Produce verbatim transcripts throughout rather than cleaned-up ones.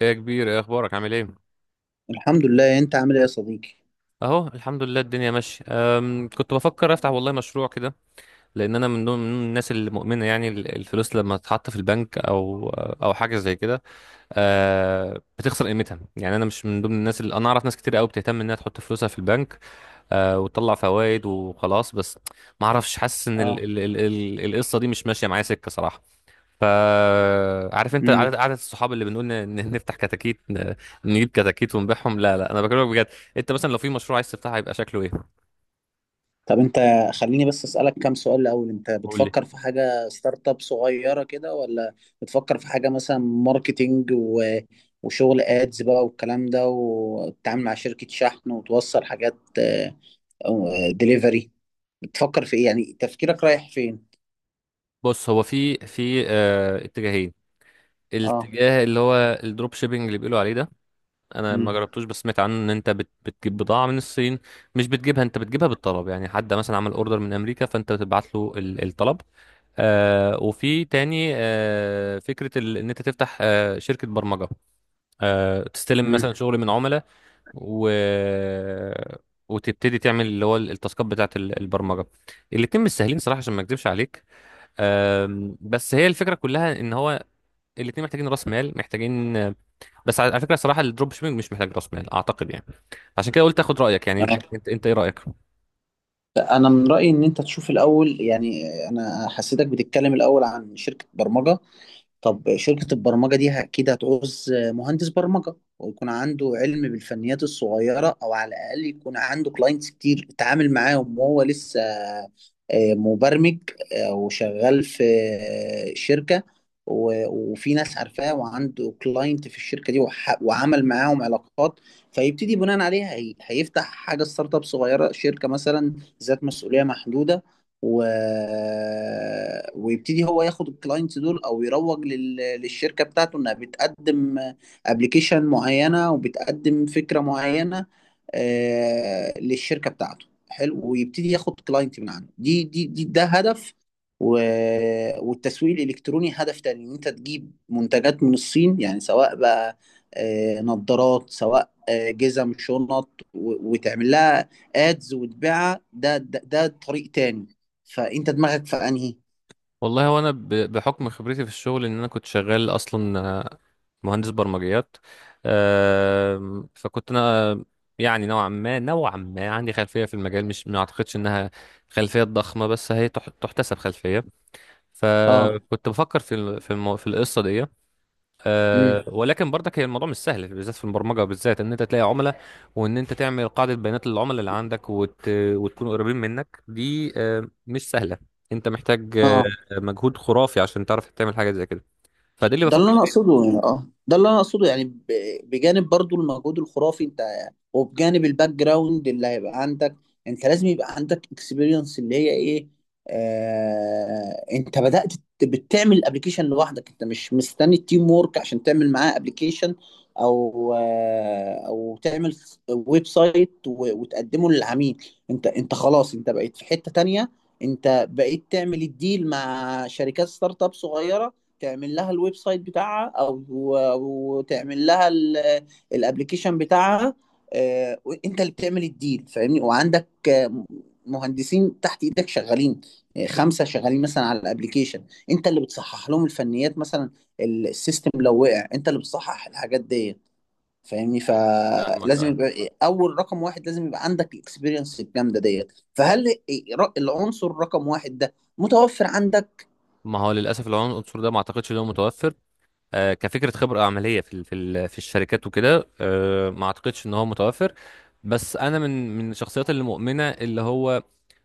يا كبير، ايه اخبارك؟ عامل ايه؟ الحمد لله، انت عامل ايه يا صديقي؟ اهو الحمد لله، الدنيا ماشيه. أم، كنت بفكر افتح والله مشروع كده. لان انا من ضمن من الناس المؤمنه، يعني ال- الفلوس لما تتحط في البنك او او حاجه زي كده أه، بتخسر قيمتها. يعني انا مش من ضمن الناس اللي، انا اعرف ناس كتير قوي بتهتم انها تحط فلوسها في البنك أه، وتطلع فوائد وخلاص. بس ما اعرفش، حاسس ان ال- اه ال- ال- ال- القصه دي مش ماشيه معايا سكه صراحه. فعارف انت امم عدد عدد الصحاب اللي بنقول ن- ن- نفتح كتاكيت، ن- نجيب كتاكيت ونبيعهم. لا لا، انا بكلمك بجد. انت مثلا لو في مشروع عايز تفتحه هيبقى شكله ايه؟ طب انت، خليني بس اسالك كام سؤال الاول. انت قول لي. بتفكر في حاجه ستارت اب صغيره كده، ولا بتفكر في حاجه مثلا ماركتينج و... وشغل ادز بقى والكلام ده، وتتعامل مع شركه شحن وتوصل حاجات دليفري؟ بتفكر في ايه؟ يعني تفكيرك رايح فين؟ بص، هو في في اه اتجاهين. اه الاتجاه اللي هو الدروب شيبينج اللي بيقولوا عليه ده، انا ما امم جربتوش بس سمعت عنه ان انت بت بتجيب بضاعه من الصين. مش بتجيبها انت، بتجيبها بالطلب. يعني حد مثلا عمل اوردر من امريكا فانت بتبعت له ال- الطلب. آه، وفي تاني آه فكره ال- ان انت تفتح آه شركه برمجه. آه، تستلم امم مثلا شغل من عملاء و... وتبتدي تعمل اللي هو التاسكات بتاعه ال- البرمجه. الاتنين مش سهلين صراحه، عشان ما اكذبش عليك. أم، بس هي الفكره كلها ان هو الاتنين محتاجين راس مال، محتاجين. بس على على فكره صراحه، الدروب شيبنج مش محتاج راس مال اعتقد يعني. عشان كده قلت اخد رايك. يعني اه انت انت, انت ايه رايك؟ انا من رايي ان انت تشوف الاول. يعني انا حسيتك بتتكلم الاول عن شركه برمجه. طب شركة البرمجة دي أكيد هتعوز مهندس برمجة ويكون عنده علم بالفنيات الصغيرة، أو على الأقل يكون عنده كلاينتس كتير اتعامل معاهم وهو لسه آه، مبرمج آه، وشغال في آه، شركة، و- وفي ناس عارفاه وعنده كلاينت في الشركة دي، وح- وعمل معاهم علاقات، فيبتدي بناء عليها هي- هيفتح حاجة ستارت اب صغيرة، شركة مثلا ذات مسؤولية محدودة، و... ويبتدي هو ياخد الكلاينتس دول، او يروج لل... للشركه بتاعته انها بتقدم ابلكيشن معينه وبتقدم فكره معينه آه... للشركه بتاعته. حلو، ويبتدي ياخد كلاينت من عنده. دي دي, دي ده هدف، و... والتسويق الالكتروني هدف تاني، ان انت تجيب منتجات من الصين، يعني سواء بقى آه... نظارات، سواء آه، جزم، شنط، و... وتعمل لها ادز وتبيعها. ده ده, ده طريق تاني. فانت دماغك في انهي؟ والله هو انا ب- بحكم خبرتي في الشغل، ان انا كنت شغال اصلا مهندس برمجيات. آم، فكنت انا يعني نوعا ما نوعا ما عندي خلفيه في المجال. مش، ما اعتقدش انها خلفيه ضخمه بس هي تح- تحتسب خلفيه. اه فكنت بفكر في ال- في المو... في القصه دي. امم آه، ولكن برضك هي الموضوع مش سهل، بالذات في البرمجه. بالذات ان انت تلاقي عملاء، وان انت تعمل قاعده بيانات للعملاء اللي عندك وت... وتكونوا قريبين منك، دي آه، مش سهله. انت محتاج آه، اه مجهود خرافي عشان تعرف تعمل حاجه زي كده. فده اللي ده اللي بفكر انا فيه. اقصده. يعني اه ده اللي انا اقصده، يعني ب- بجانب برضو المجهود الخرافي انت، وبجانب الباك جراوند اللي هيبقى عندك، انت لازم يبقى عندك اكسبيرينس. اللي هي ايه؟ آه، انت بدأت ت- بتعمل الابلكيشن لوحدك، انت مش مستني التيم وورك عشان تعمل معاه ابلكيشن، او آه او تعمل ويب سايت و- وتقدمه للعميل. انت انت خلاص، انت بقيت في حتة تانية. انت بقيت تعمل الديل مع شركات ستارت اب صغيرة، تعمل لها الويب سايت بتاعها، او او تعمل لها ال- الابليكيشن بتاعها. آه، وانت اللي بتعمل الديل، فاهمني؟ وعندك آه، مهندسين تحت ايدك شغالين، آه، خمسه شغالين مثلا على الابليكيشن. انت اللي بتصحح لهم الفنيات مثلا، ال- السيستم لو وقع انت اللي بتصحح الحاجات دي. فاهمني؟ فاهمك فلازم آه. يبقى اول، رقم واحد، لازم يبقى عندك الاكسبيرينس الجامده ديت. فهل العنصر رقم واحد ده متوفر عندك؟ ما هو للاسف العنصر ده ما اعتقدش ان هو متوفر. آه، كفكره خبره عمليه في ال- في ال- في الشركات وكده، آه، ما اعتقدش ان هو متوفر. بس انا من من الشخصيات اللي مؤمنه اللي هو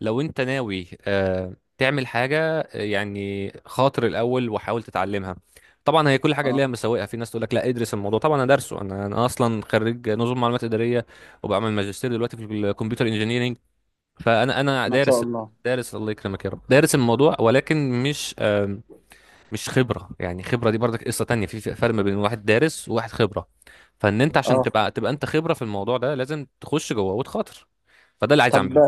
لو انت ناوي آه، تعمل حاجه، آه، يعني خاطر الاول وحاول تتعلمها. طبعا هي كل حاجه اه، ليها مساوئها، في ناس تقول لك لا ادرس الموضوع. طبعا انا دارسه، انا انا اصلا خريج نظم معلومات اداريه وبعمل ماجستير دلوقتي في الكمبيوتر انجينيرنج. فانا انا ما شاء دارس. الله. دارس الله يكرمك يا رب، دارس الموضوع ولكن مش آه، مش خبره. يعني خبره دي برضك قصه تانية، في في فرق ما بين واحد دارس وواحد خبره. فان انت عشان اه، تبقى تبقى انت خبره في الموضوع ده لازم تخش جوه وتخاطر. فده اللي عايز طب اعمله.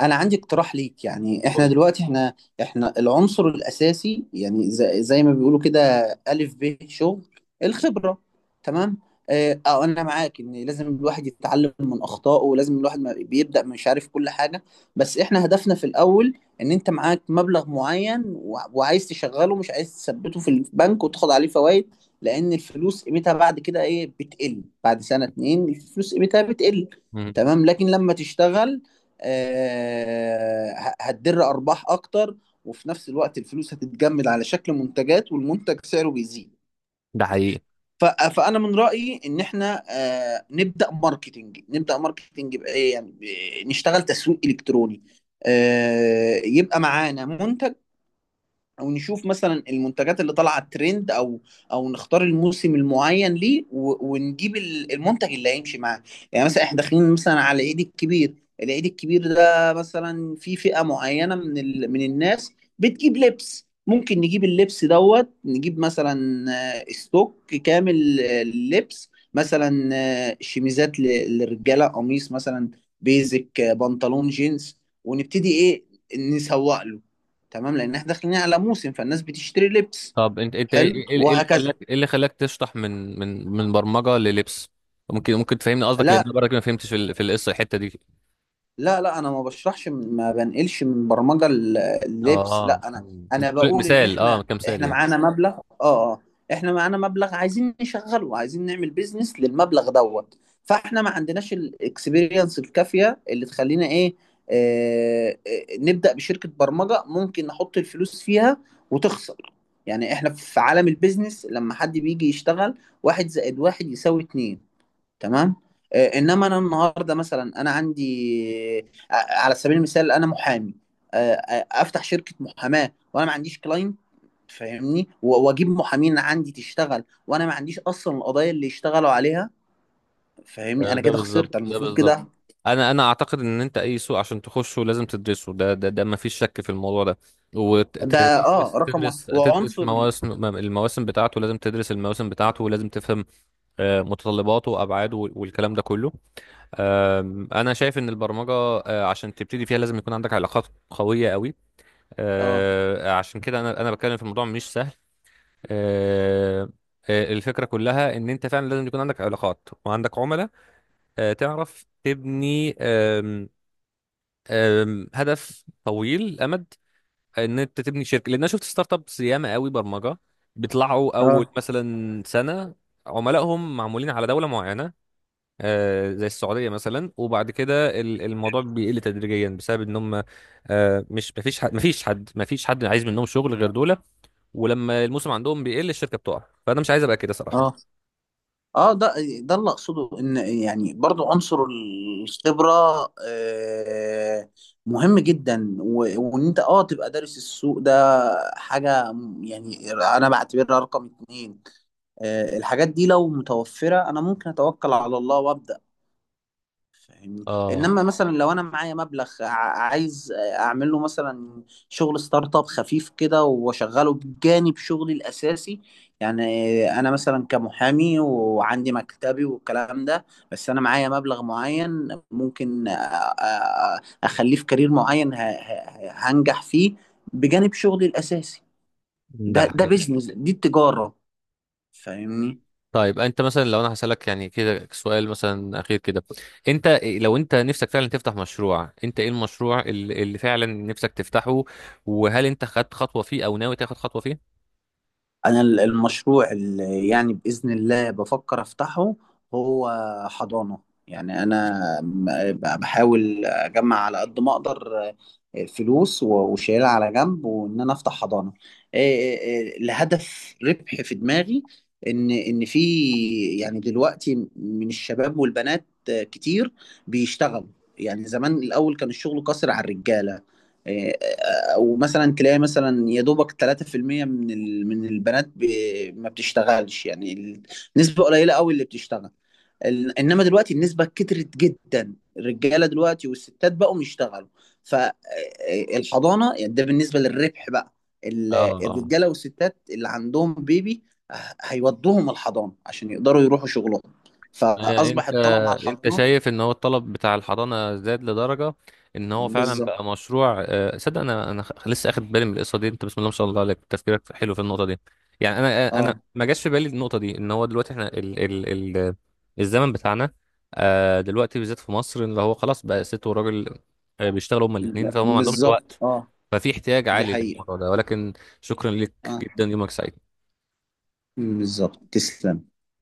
انا عندي اقتراح ليك. يعني احنا قول. دلوقتي احنا، احنا العنصر الاساسي، يعني زي, زي ما بيقولوا كده، الف ب شغل، الخبره. تمام؟ اه، آه، انا معاك ان لازم الواحد يتعلم من اخطائه، ولازم الواحد ما بيبدا مش عارف كل حاجه. بس احنا هدفنا في الاول ان انت معاك مبلغ معين، و- وعايز تشغله، مش عايز تثبته في البنك وتاخد عليه فوائد، لان الفلوس قيمتها بعد كده ايه؟ بتقل. بعد سنه اتنين الفلوس قيمتها بتقل. مم. تمام؟ لكن لما تشتغل، آه، ه- هتدر ارباح اكتر. وفي نفس الوقت الفلوس هتتجمد على شكل منتجات، والمنتج سعره بيزيد. ده حقيقي. ف- فانا من رايي ان احنا آه، نبدا ماركتنج. نبدا ماركتنج بايه؟ يعني ب- نشتغل تسويق الكتروني. آه، يبقى معانا منتج، او نشوف مثلا المنتجات اللي طالعه ترند، او او نختار الموسم المعين ليه، و- ونجيب ال- المنتج اللي هيمشي معاه. يعني مثلا احنا داخلين مثلا على العيد الكبير. العيد الكبير ده مثلا في فئة معينة من ال... من الناس بتجيب لبس. ممكن نجيب اللبس دوت، نجيب مثلا آه، ستوك كامل آه، للبس مثلا، آه، شميزات ل- للرجالة، قميص مثلا، بيزك، آه، بنطلون جينز. ونبتدي ايه؟ نسوق له. تمام؟ لان احنا داخلين على موسم، فالناس بتشتري لبس. طب انت انت ايه حلو، ايه- ايه اللي خلاك، وهكذا. ايه اللي خلاك تشطح من من من برمجه للبس؟ ممكن ممكن تفهمني قصدك؟ لان انا لا، برضك ما فهمتش في ال- في القصه الحته دي. لا لا انا ما بشرحش، ما بنقلش من برمجه اللبس. اه، لا، انا مم. انت انا بتقول بقول ان مثال، اه احنا، كمثال احنا يعني. معانا مبلغ. اه، اه، احنا معانا مبلغ عايزين نشغله، عايزين نعمل بيزنس للمبلغ دوت. فاحنا ما عندناش الاكسبيرينس الكافيه اللي تخلينا ايه، آه آه، نبدا بشركه برمجه. ممكن نحط الفلوس فيها وتخسر. يعني احنا في عالم البيزنس، لما حد بيجي يشتغل، واحد زائد واحد يساوي اتنين. تمام؟ آه، انما انا النهارده مثلا انا عندي آه، على سبيل المثال، انا محامي، آه، آه، افتح شركه محاماه وانا ما عنديش كلاينت. فاهمني؟ و- واجيب محامين عندي تشتغل وانا ما عنديش اصلا القضايا اللي يشتغلوا عليها. فاهمني؟ ده انا ده كده خسرت. بالظبط، أنا ده المفروض بالظبط. كده انا انا اعتقد ان انت اي سوق عشان تخشه لازم تدرسه. ده ده ده ما فيش شك في الموضوع ده. ده اه وتدرس رقم واحد. تدرس تدرس وعنصر ال- مواسم المواسم بتاعته، لازم تدرس المواسم بتاعته ولازم تفهم آه، متطلباته وابعاده وال- والكلام ده كله. آم، انا شايف ان البرمجه آه، عشان تبتدي فيها لازم يكون عندك علاقات قويه قوي. اه آه، عشان كده انا انا بتكلم في الموضوع مش سهل. آه، آه، الفكره كلها ان انت فعلا لازم يكون عندك علاقات وعندك عملاء، آه، تعرف تبني آم، آم، هدف طويل الامد. ان انت تبني شركه، لان انا شفت ستارت ابس ياما قوي برمجه بيطلعوا اول اه مثلا سنه عملائهم معمولين على دوله معينه، آه، زي السعوديه مثلا، وبعد كده ال- الموضوع بيقل تدريجيا بسبب ان هم آه، مش مفيش حد مفيش حد مفيش حد عايز منهم شغل غير دول. ولما الموسم عندهم بيقل الشركه بتقع، فانا مش عايز ابقى كده صراحه. اه اه ده ده اللي اقصده. ان يعني برضو عنصر الخبره آه، مهم جدا، و- وان انت اه تبقى دارس السوق ده. حاجه م- يعني انا بعتبرها رقم اتنين. آه، الحاجات دي لو متوفره انا ممكن اتوكل على الله وابدا. فاهمني؟ اه، انما مثلا لو انا معايا مبلغ، ع- عايز اعمل له مثلا شغل ستارت اب خفيف كده، واشغله بجانب شغلي الاساسي. يعني انا مثلا كمحامي وعندي مكتبي والكلام ده، بس انا معايا مبلغ معين، ممكن أ- أ- اخليه في كارير معين ه- ه- هنجح فيه بجانب شغلي الاساسي. ده. ده ده بيزنس، دي التجارة. فاهمني؟ طيب انت مثلا، لو انا هسألك يعني كده سؤال مثلا اخير كده، انت لو انت نفسك فعلا تفتح مشروع، انت ايه المشروع اللي اللي فعلا نفسك تفتحه، وهل انت خدت خطوة فيه او ناوي تاخد خطوة فيه؟ انا ال- المشروع اللي يعني باذن الله بفكر افتحه هو حضانه. يعني انا م- ب- بحاول اجمع على قد ما اقدر آه، فلوس و- وشايلها على جنب، وان انا افتح حضانه. آه، آه، آه، الهدف ربح في دماغي. ان ان في، يعني دلوقتي من الشباب والبنات آه، كتير بيشتغلوا. يعني زمان، الاول كان الشغل قاصر على الرجاله، آه، او مثلا تلاقي مثلا يا دوبك تلاته في المية من ال- من البنات ب- ما بتشتغلش. يعني ال- نسبة قليلة قوي اللي بتشتغل. ال- انما دلوقتي النسبة كترت جدا، الرجالة دلوقتي والستات بقوا يشتغلوا. فالحضانة يعني، ده بالنسبة للربح بقى، ال- اه، الرجالة والستات اللي عندهم بيبي ه- هيودوهم الحضانة عشان يقدروا يروحوا شغلهم. آه، فأصبح انت، الطلب على انت الحضانات. شايف ان هو الطلب بتاع الحضانه زاد لدرجه ان هو فعلا بالظبط. بقى مشروع؟ آه، صدق انا، انا خ- لسه اخد بالي من القصه دي. انت بسم الله ما شاء الله عليك، تفكيرك حلو في النقطه دي. يعني انا، آه، انا اه، ما جاش في بالي النقطه دي، ان هو دلوقتي احنا ال ال ال الزمن بتاعنا آه، دلوقتي بالذات في مصر اللي هو خلاص بقى ست وراجل آه، بيشتغلوا هما الاثنين، فهم ما عندهمش بالظبط. وقت. اه، ففي احتياج دي عالي حقيقة. للموضوع ده، ولكن. شكرا لك اه، جدا، يومك سعيد. بالظبط. تسلم.